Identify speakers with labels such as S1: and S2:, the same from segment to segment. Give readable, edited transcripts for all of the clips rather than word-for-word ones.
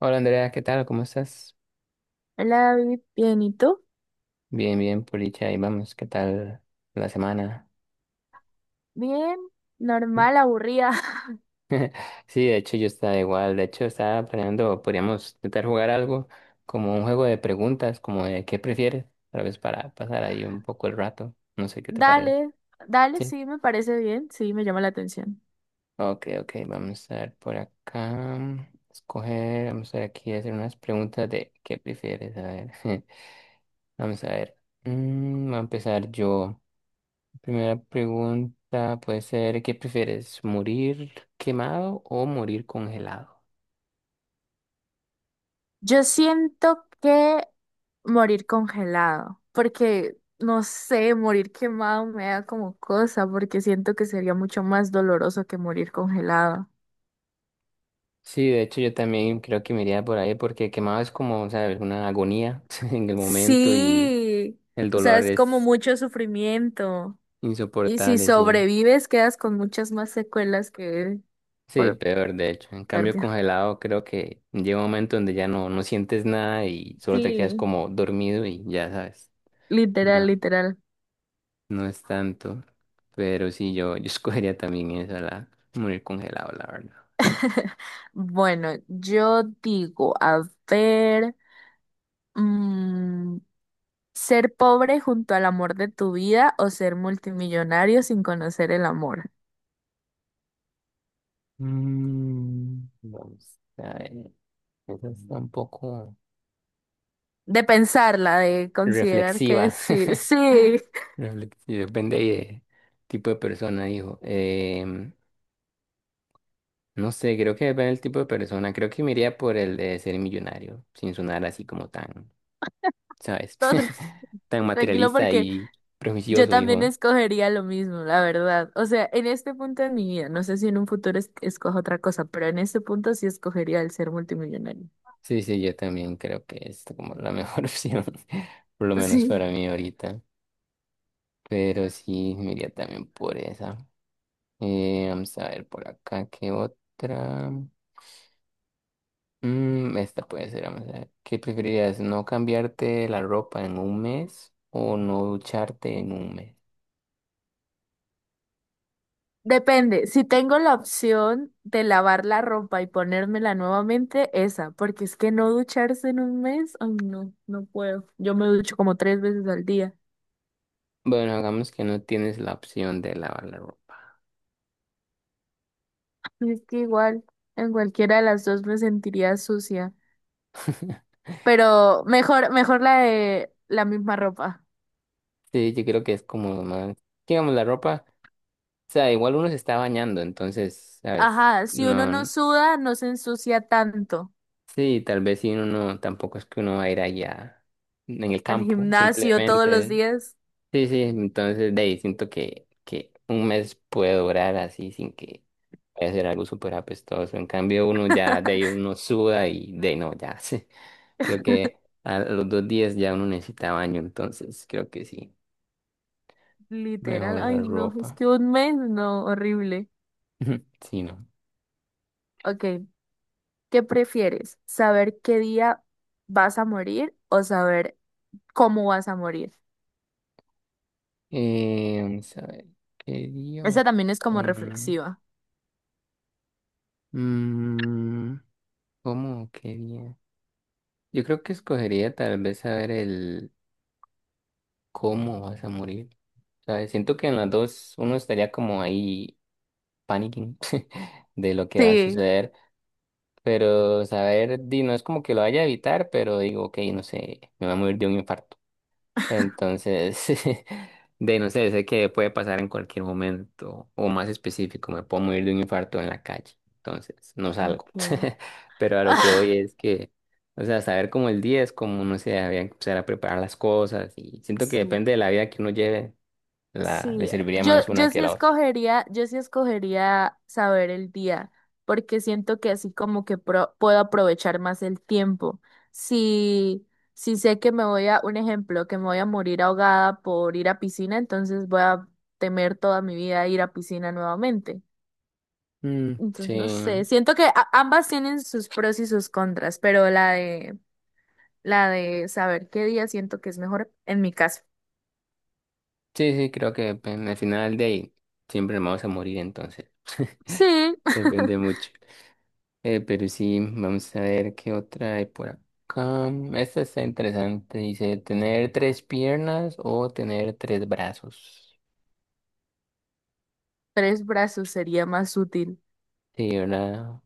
S1: Hola Andrea, ¿qué tal? ¿Cómo estás?
S2: Hola David, bien, ¿y tú?
S1: Bien, bien, por dicha, ahí vamos, ¿qué tal la semana?
S2: Bien, normal, aburrida.
S1: Sí, de hecho yo estaba igual, de hecho estaba planeando, podríamos intentar jugar algo como un juego de preguntas, como de qué prefieres, tal vez para pasar ahí un poco el rato, no sé qué te parece.
S2: Dale, dale,
S1: Sí,
S2: sí, me parece bien, sí, me llama la atención.
S1: ok, ok, vamos a ver por acá, escoger, vamos a ver aquí, hacer unas preguntas de qué prefieres, a ver, vamos a ver. Voy a empezar yo. Primera pregunta puede ser, ¿qué prefieres? ¿Morir quemado o morir congelado?
S2: Yo siento que morir congelado, porque no sé, morir quemado me da como cosa, porque siento que sería mucho más doloroso que morir congelado.
S1: Sí, de hecho yo también creo que me iría por ahí porque quemado es como, ¿sabes? Una agonía en el momento y
S2: Sí,
S1: el
S2: o sea,
S1: dolor
S2: es como
S1: es
S2: mucho sufrimiento. Y si
S1: insoportable, sí.
S2: sobrevives, quedas con muchas más secuelas que
S1: Sí,
S2: por
S1: peor de hecho. En cambio
S2: hipotermia.
S1: congelado creo que llega un momento donde ya no, no sientes nada y solo te quedas
S2: Sí.
S1: como dormido y ya sabes.
S2: Literal,
S1: No,
S2: literal.
S1: no es tanto. Pero sí, yo escogería también eso, la morir congelado, la verdad.
S2: Bueno, yo digo, a ver, mm, ser pobre junto al amor de tu vida o ser multimillonario sin conocer el amor.
S1: Vamos a ver. Esa está un poco
S2: De pensarla, de considerar qué
S1: reflexiva.
S2: decir. Sí,
S1: Reflexi- Depende ahí de tipo de persona, dijo. No sé, creo que depende del tipo de persona. Creo que me iría por el de ser millonario, sin sonar así como tan, ¿sabes?
S2: no,
S1: Tan
S2: tranquilo
S1: materialista
S2: porque
S1: y
S2: yo
S1: prejuicioso,
S2: también
S1: dijo.
S2: escogería lo mismo, la verdad. O sea, en este punto de mi vida, no sé si en un futuro escojo otra cosa, pero en este punto sí escogería el ser multimillonario.
S1: Sí, sí, yo también creo que es como la mejor opción, por lo menos
S2: Sí.
S1: para mí ahorita. Pero sí, me iría también por esa. Vamos a ver por acá, ¿qué otra? Esta puede ser, vamos a ver. ¿Qué preferirías? ¿No cambiarte la ropa en un mes o no ducharte en un mes?
S2: Depende, si tengo la opción de lavar la ropa y ponérmela nuevamente, esa, porque es que no ducharse en un mes, ay no, no puedo. Yo me ducho como tres veces al día.
S1: Bueno, hagamos que no tienes la opción de lavar la ropa.
S2: Y es que igual, en cualquiera de las dos me sentiría sucia. Pero mejor, mejor la de la misma ropa.
S1: Sí, yo creo que es como más. Digamos, la ropa, o sea, igual uno se está bañando, entonces, ¿sabes?
S2: Ajá, si uno no
S1: No,
S2: suda, no se ensucia tanto.
S1: sí, tal vez si uno no, tampoco es que uno va a ir allá en el
S2: Al
S1: campo,
S2: gimnasio todos los
S1: simplemente.
S2: días.
S1: Sí, sí, entonces de ahí siento que un mes puede durar así sin que vaya a ser algo súper apestoso. En cambio, uno ya de ahí uno suda y de ahí no, ya sí. Creo que a los dos días ya uno necesita baño, entonces creo que sí.
S2: Literal,
S1: Mejor la
S2: ay no, es
S1: ropa.
S2: que un mes, no, horrible.
S1: Sí, ¿no?
S2: Ok, ¿qué prefieres? ¿Saber qué día vas a morir o saber cómo vas a morir?
S1: Vamos a ver, ¿qué día
S2: Esa
S1: o
S2: también es como
S1: con...
S2: reflexiva.
S1: Mm, ¿cómo? ¿Qué día? Yo creo que escogería tal vez saber el cómo vas a morir. Sea, siento que en las dos uno estaría como ahí panicking de lo que va a
S2: Sí.
S1: suceder, pero saber, di, no es como que lo vaya a evitar, pero digo, ok, no sé, me va a morir de un infarto. Entonces, de no sé, sé que puede pasar en cualquier momento, o más específico, me puedo morir de un infarto en la calle, entonces no salgo.
S2: Okay.
S1: Pero a lo que voy es que, o sea, saber como el día es como, no sé, había que empezar a preparar las cosas y siento que
S2: Sí,
S1: depende de la vida que uno lleve la, le
S2: sí.
S1: serviría
S2: Yo,
S1: más una que la otra.
S2: yo sí escogería saber el día, porque siento que así como que puedo aprovechar más el tiempo. Si, si sé que me voy a, un ejemplo, que me voy a morir ahogada por ir a piscina, entonces voy a temer toda mi vida ir a piscina nuevamente.
S1: Mm,
S2: Entonces,
S1: sí,
S2: no sé, siento que ambas tienen sus pros y sus contras, pero la de saber qué día siento que es mejor en mi caso.
S1: sí, sí, creo que pues, al final de ahí siempre nos vamos a morir, entonces
S2: Sí,
S1: depende mucho. Pero sí, vamos a ver qué otra hay por acá. Esta está interesante, dice, ¿tener tres piernas o tener tres brazos?
S2: tres brazos sería más útil.
S1: Sí, ¿verdad?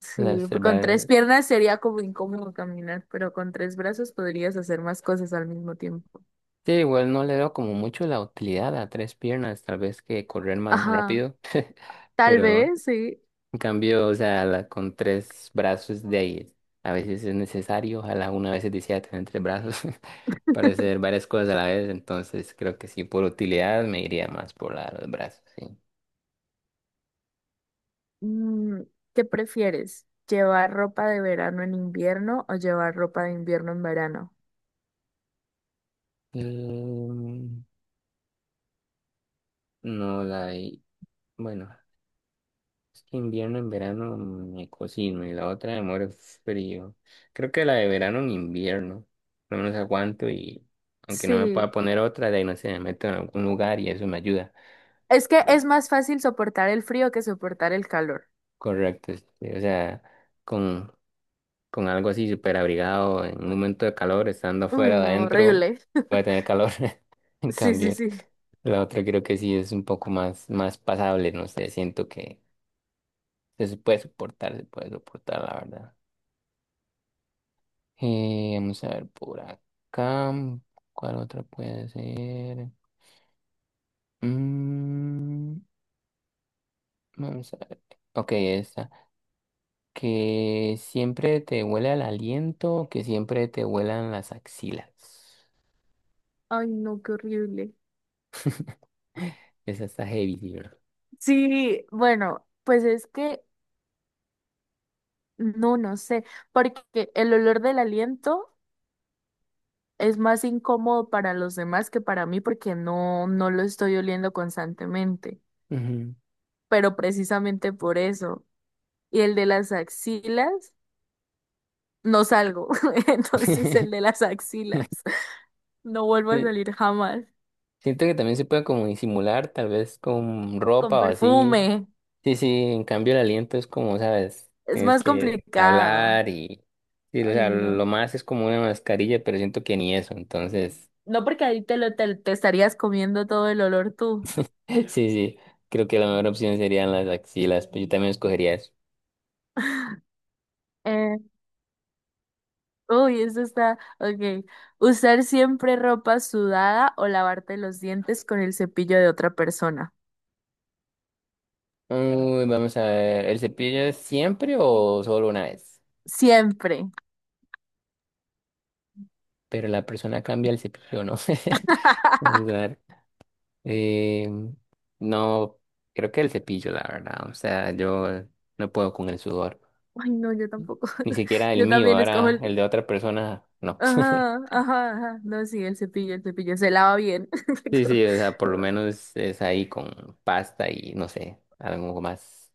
S2: Sí,
S1: Las tres
S2: con tres
S1: bra-
S2: piernas sería como incómodo caminar, pero con tres brazos podrías hacer más cosas al mismo tiempo.
S1: Sí, igual no le veo como mucho la utilidad a tres piernas, tal vez que correr más
S2: Ajá,
S1: rápido,
S2: tal
S1: pero...
S2: vez, sí.
S1: En cambio, o sea, la- con tres brazos de ahí, a veces es necesario, ojalá una vez decía tener tres brazos para hacer varias cosas a la vez, entonces creo que sí, por utilidad me iría más por la de los brazos, sí.
S2: Mm, ¿qué prefieres? ¿Llevar ropa de verano en invierno o llevar ropa de invierno en verano?
S1: Em, no, la de, bueno, es que invierno en verano me cocino y la otra me muero frío. Creo que la de verano en invierno, por lo menos aguanto y aunque no me pueda
S2: Sí.
S1: poner otra, de ahí no sé, me meto en algún lugar y eso me ayuda.
S2: Es que es más fácil soportar el frío que soportar el calor.
S1: Correcto, sí, sí, o sea, con, con algo así súper abrigado, en un momento de calor, estando
S2: Uy,
S1: afuera o
S2: no,
S1: adentro,
S2: horrible.
S1: puede tener calor. En
S2: Sí, sí,
S1: cambio,
S2: sí.
S1: la otra creo que sí es un poco más, más pasable, no sé, siento que se puede soportar, la verdad. Vamos a ver por acá, ¿cuál otra puede ser? Mm, vamos a ver. Ok, esta. Que siempre te huela el aliento, que siempre te huelan las axilas.
S2: Ay, no, qué horrible.
S1: Esa está heavy, sí, bro.
S2: Sí, bueno, pues es que no, no sé, porque el olor del aliento es más incómodo para los demás que para mí porque no, no lo estoy oliendo constantemente,
S1: Ujú.
S2: pero precisamente por eso. Y el de las axilas, no salgo, entonces el de las axilas, no vuelvo a
S1: Sí,
S2: salir jamás
S1: siento que también se puede como disimular, tal vez con
S2: con
S1: ropa o así.
S2: perfume.
S1: Sí, sí, en cambio el aliento es como, sabes,
S2: Es
S1: tienes
S2: más
S1: que
S2: complicado.
S1: hablar y... Sí, o sea,
S2: Ay, no.
S1: lo más es como una mascarilla, pero siento que ni eso, entonces...
S2: No porque ahí te estarías comiendo todo el olor tú.
S1: Sí, sí, creo que la mejor opción serían las axilas, pero yo también escogería eso.
S2: Eh, uy, eso está. Ok. Usar siempre ropa sudada o lavarte los dientes con el cepillo de otra persona.
S1: Uy, vamos a ver, ¿el cepillo es siempre o solo una vez?
S2: Siempre.
S1: Pero la persona cambia el cepillo, ¿no? Vamos a ver. Eh, no, creo que el cepillo, la verdad. O sea, yo no puedo con el sudor.
S2: Ay, no, yo tampoco.
S1: Ni siquiera el
S2: Yo
S1: mío,
S2: también escojo
S1: ahora
S2: el.
S1: el de otra persona, no.
S2: Ajá, ajá, ajá. No, sí, el cepillo se lava bien.
S1: Sí, sí, o sea, por lo menos es ahí con pasta y no sé, algo más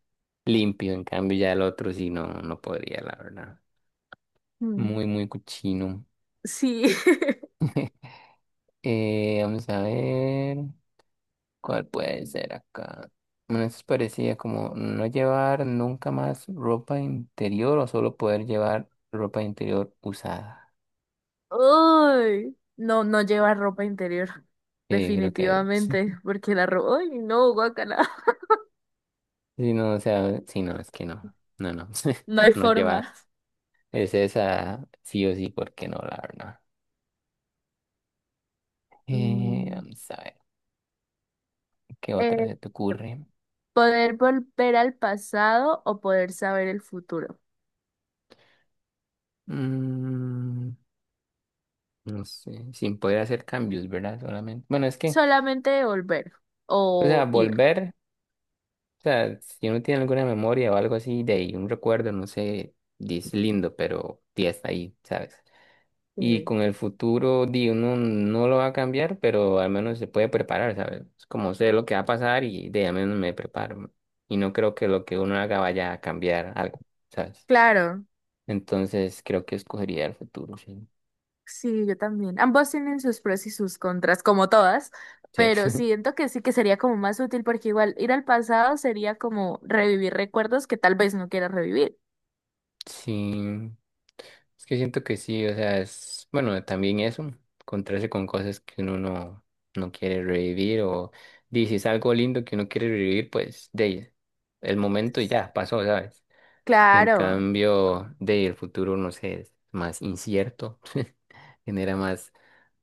S1: limpio. En cambio, ya el otro sí no, no podría, la verdad.
S2: Mm,
S1: Muy, muy cochino.
S2: sí.
S1: Vamos a ver cuál puede ser acá. Bueno, eso parecía como no llevar nunca más ropa interior o solo poder llevar ropa interior usada.
S2: Uy, no, no lleva ropa interior,
S1: Sí, creo que sí,
S2: definitivamente, porque la ropa, uy, no, guacala,
S1: sí, no, o sea, sí, no, es que
S2: no hay
S1: no llevar,
S2: forma.
S1: es esa sí o sí, porque no, la verdad.
S2: Mm,
S1: Vamos a ver, ¿qué otra
S2: eh,
S1: se te ocurre?
S2: poder volver al pasado o poder saber el futuro.
S1: Mm, no sé, sin poder hacer cambios, ¿verdad? Solamente. Bueno, es que,
S2: Solamente volver
S1: o sea,
S2: o ir.
S1: volver. O sea, si uno tiene alguna memoria o algo así de ahí, un recuerdo, no sé, di, es lindo, pero di, está ahí, ¿sabes? Y
S2: Sí.
S1: con el futuro, di, uno no lo va a cambiar, pero al menos se puede preparar, ¿sabes? Es como sé lo que va a pasar y de al menos me preparo. Y no creo que lo que uno haga vaya a cambiar algo, ¿sabes?
S2: Claro,
S1: Entonces creo que escogería el futuro, sí.
S2: sí, yo también. Ambos tienen sus pros y sus contras, como todas,
S1: Sí.
S2: pero siento que sí que sería como más útil porque igual ir al pasado sería como revivir recuerdos que tal vez no quiera revivir.
S1: Sí, es que siento que sí, o sea, es, bueno, también eso, encontrarse con cosas que uno no, no quiere revivir o dices si es algo lindo que uno quiere revivir, pues de ahí, el momento ya pasó, ¿sabes? En
S2: Claro.
S1: cambio, de ahí, el futuro, no sé, es más incierto, genera más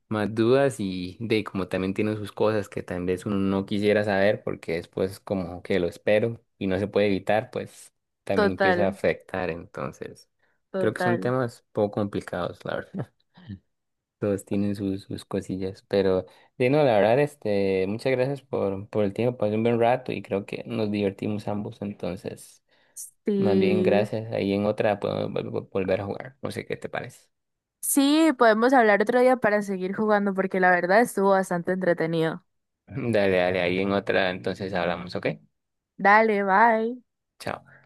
S1: más dudas y de como también tienen sus cosas que tal vez uno no quisiera saber porque después como que lo espero y no se puede evitar, pues también empieza a
S2: Total,
S1: afectar. Entonces, creo que son
S2: total.
S1: temas poco complicados, la verdad. Todos tienen sus, sus cosillas, pero de no, la verdad, este, muchas gracias por el tiempo, pasé un buen rato y creo que nos divertimos ambos, entonces, más bien
S2: Sí,
S1: gracias, ahí en otra podemos volver a jugar, no sé qué te parece.
S2: sí, podemos hablar otro día para seguir jugando porque la verdad estuvo bastante entretenido.
S1: Dale, dale, ahí en otra, entonces hablamos, ¿ok?
S2: Dale, bye.
S1: Chao.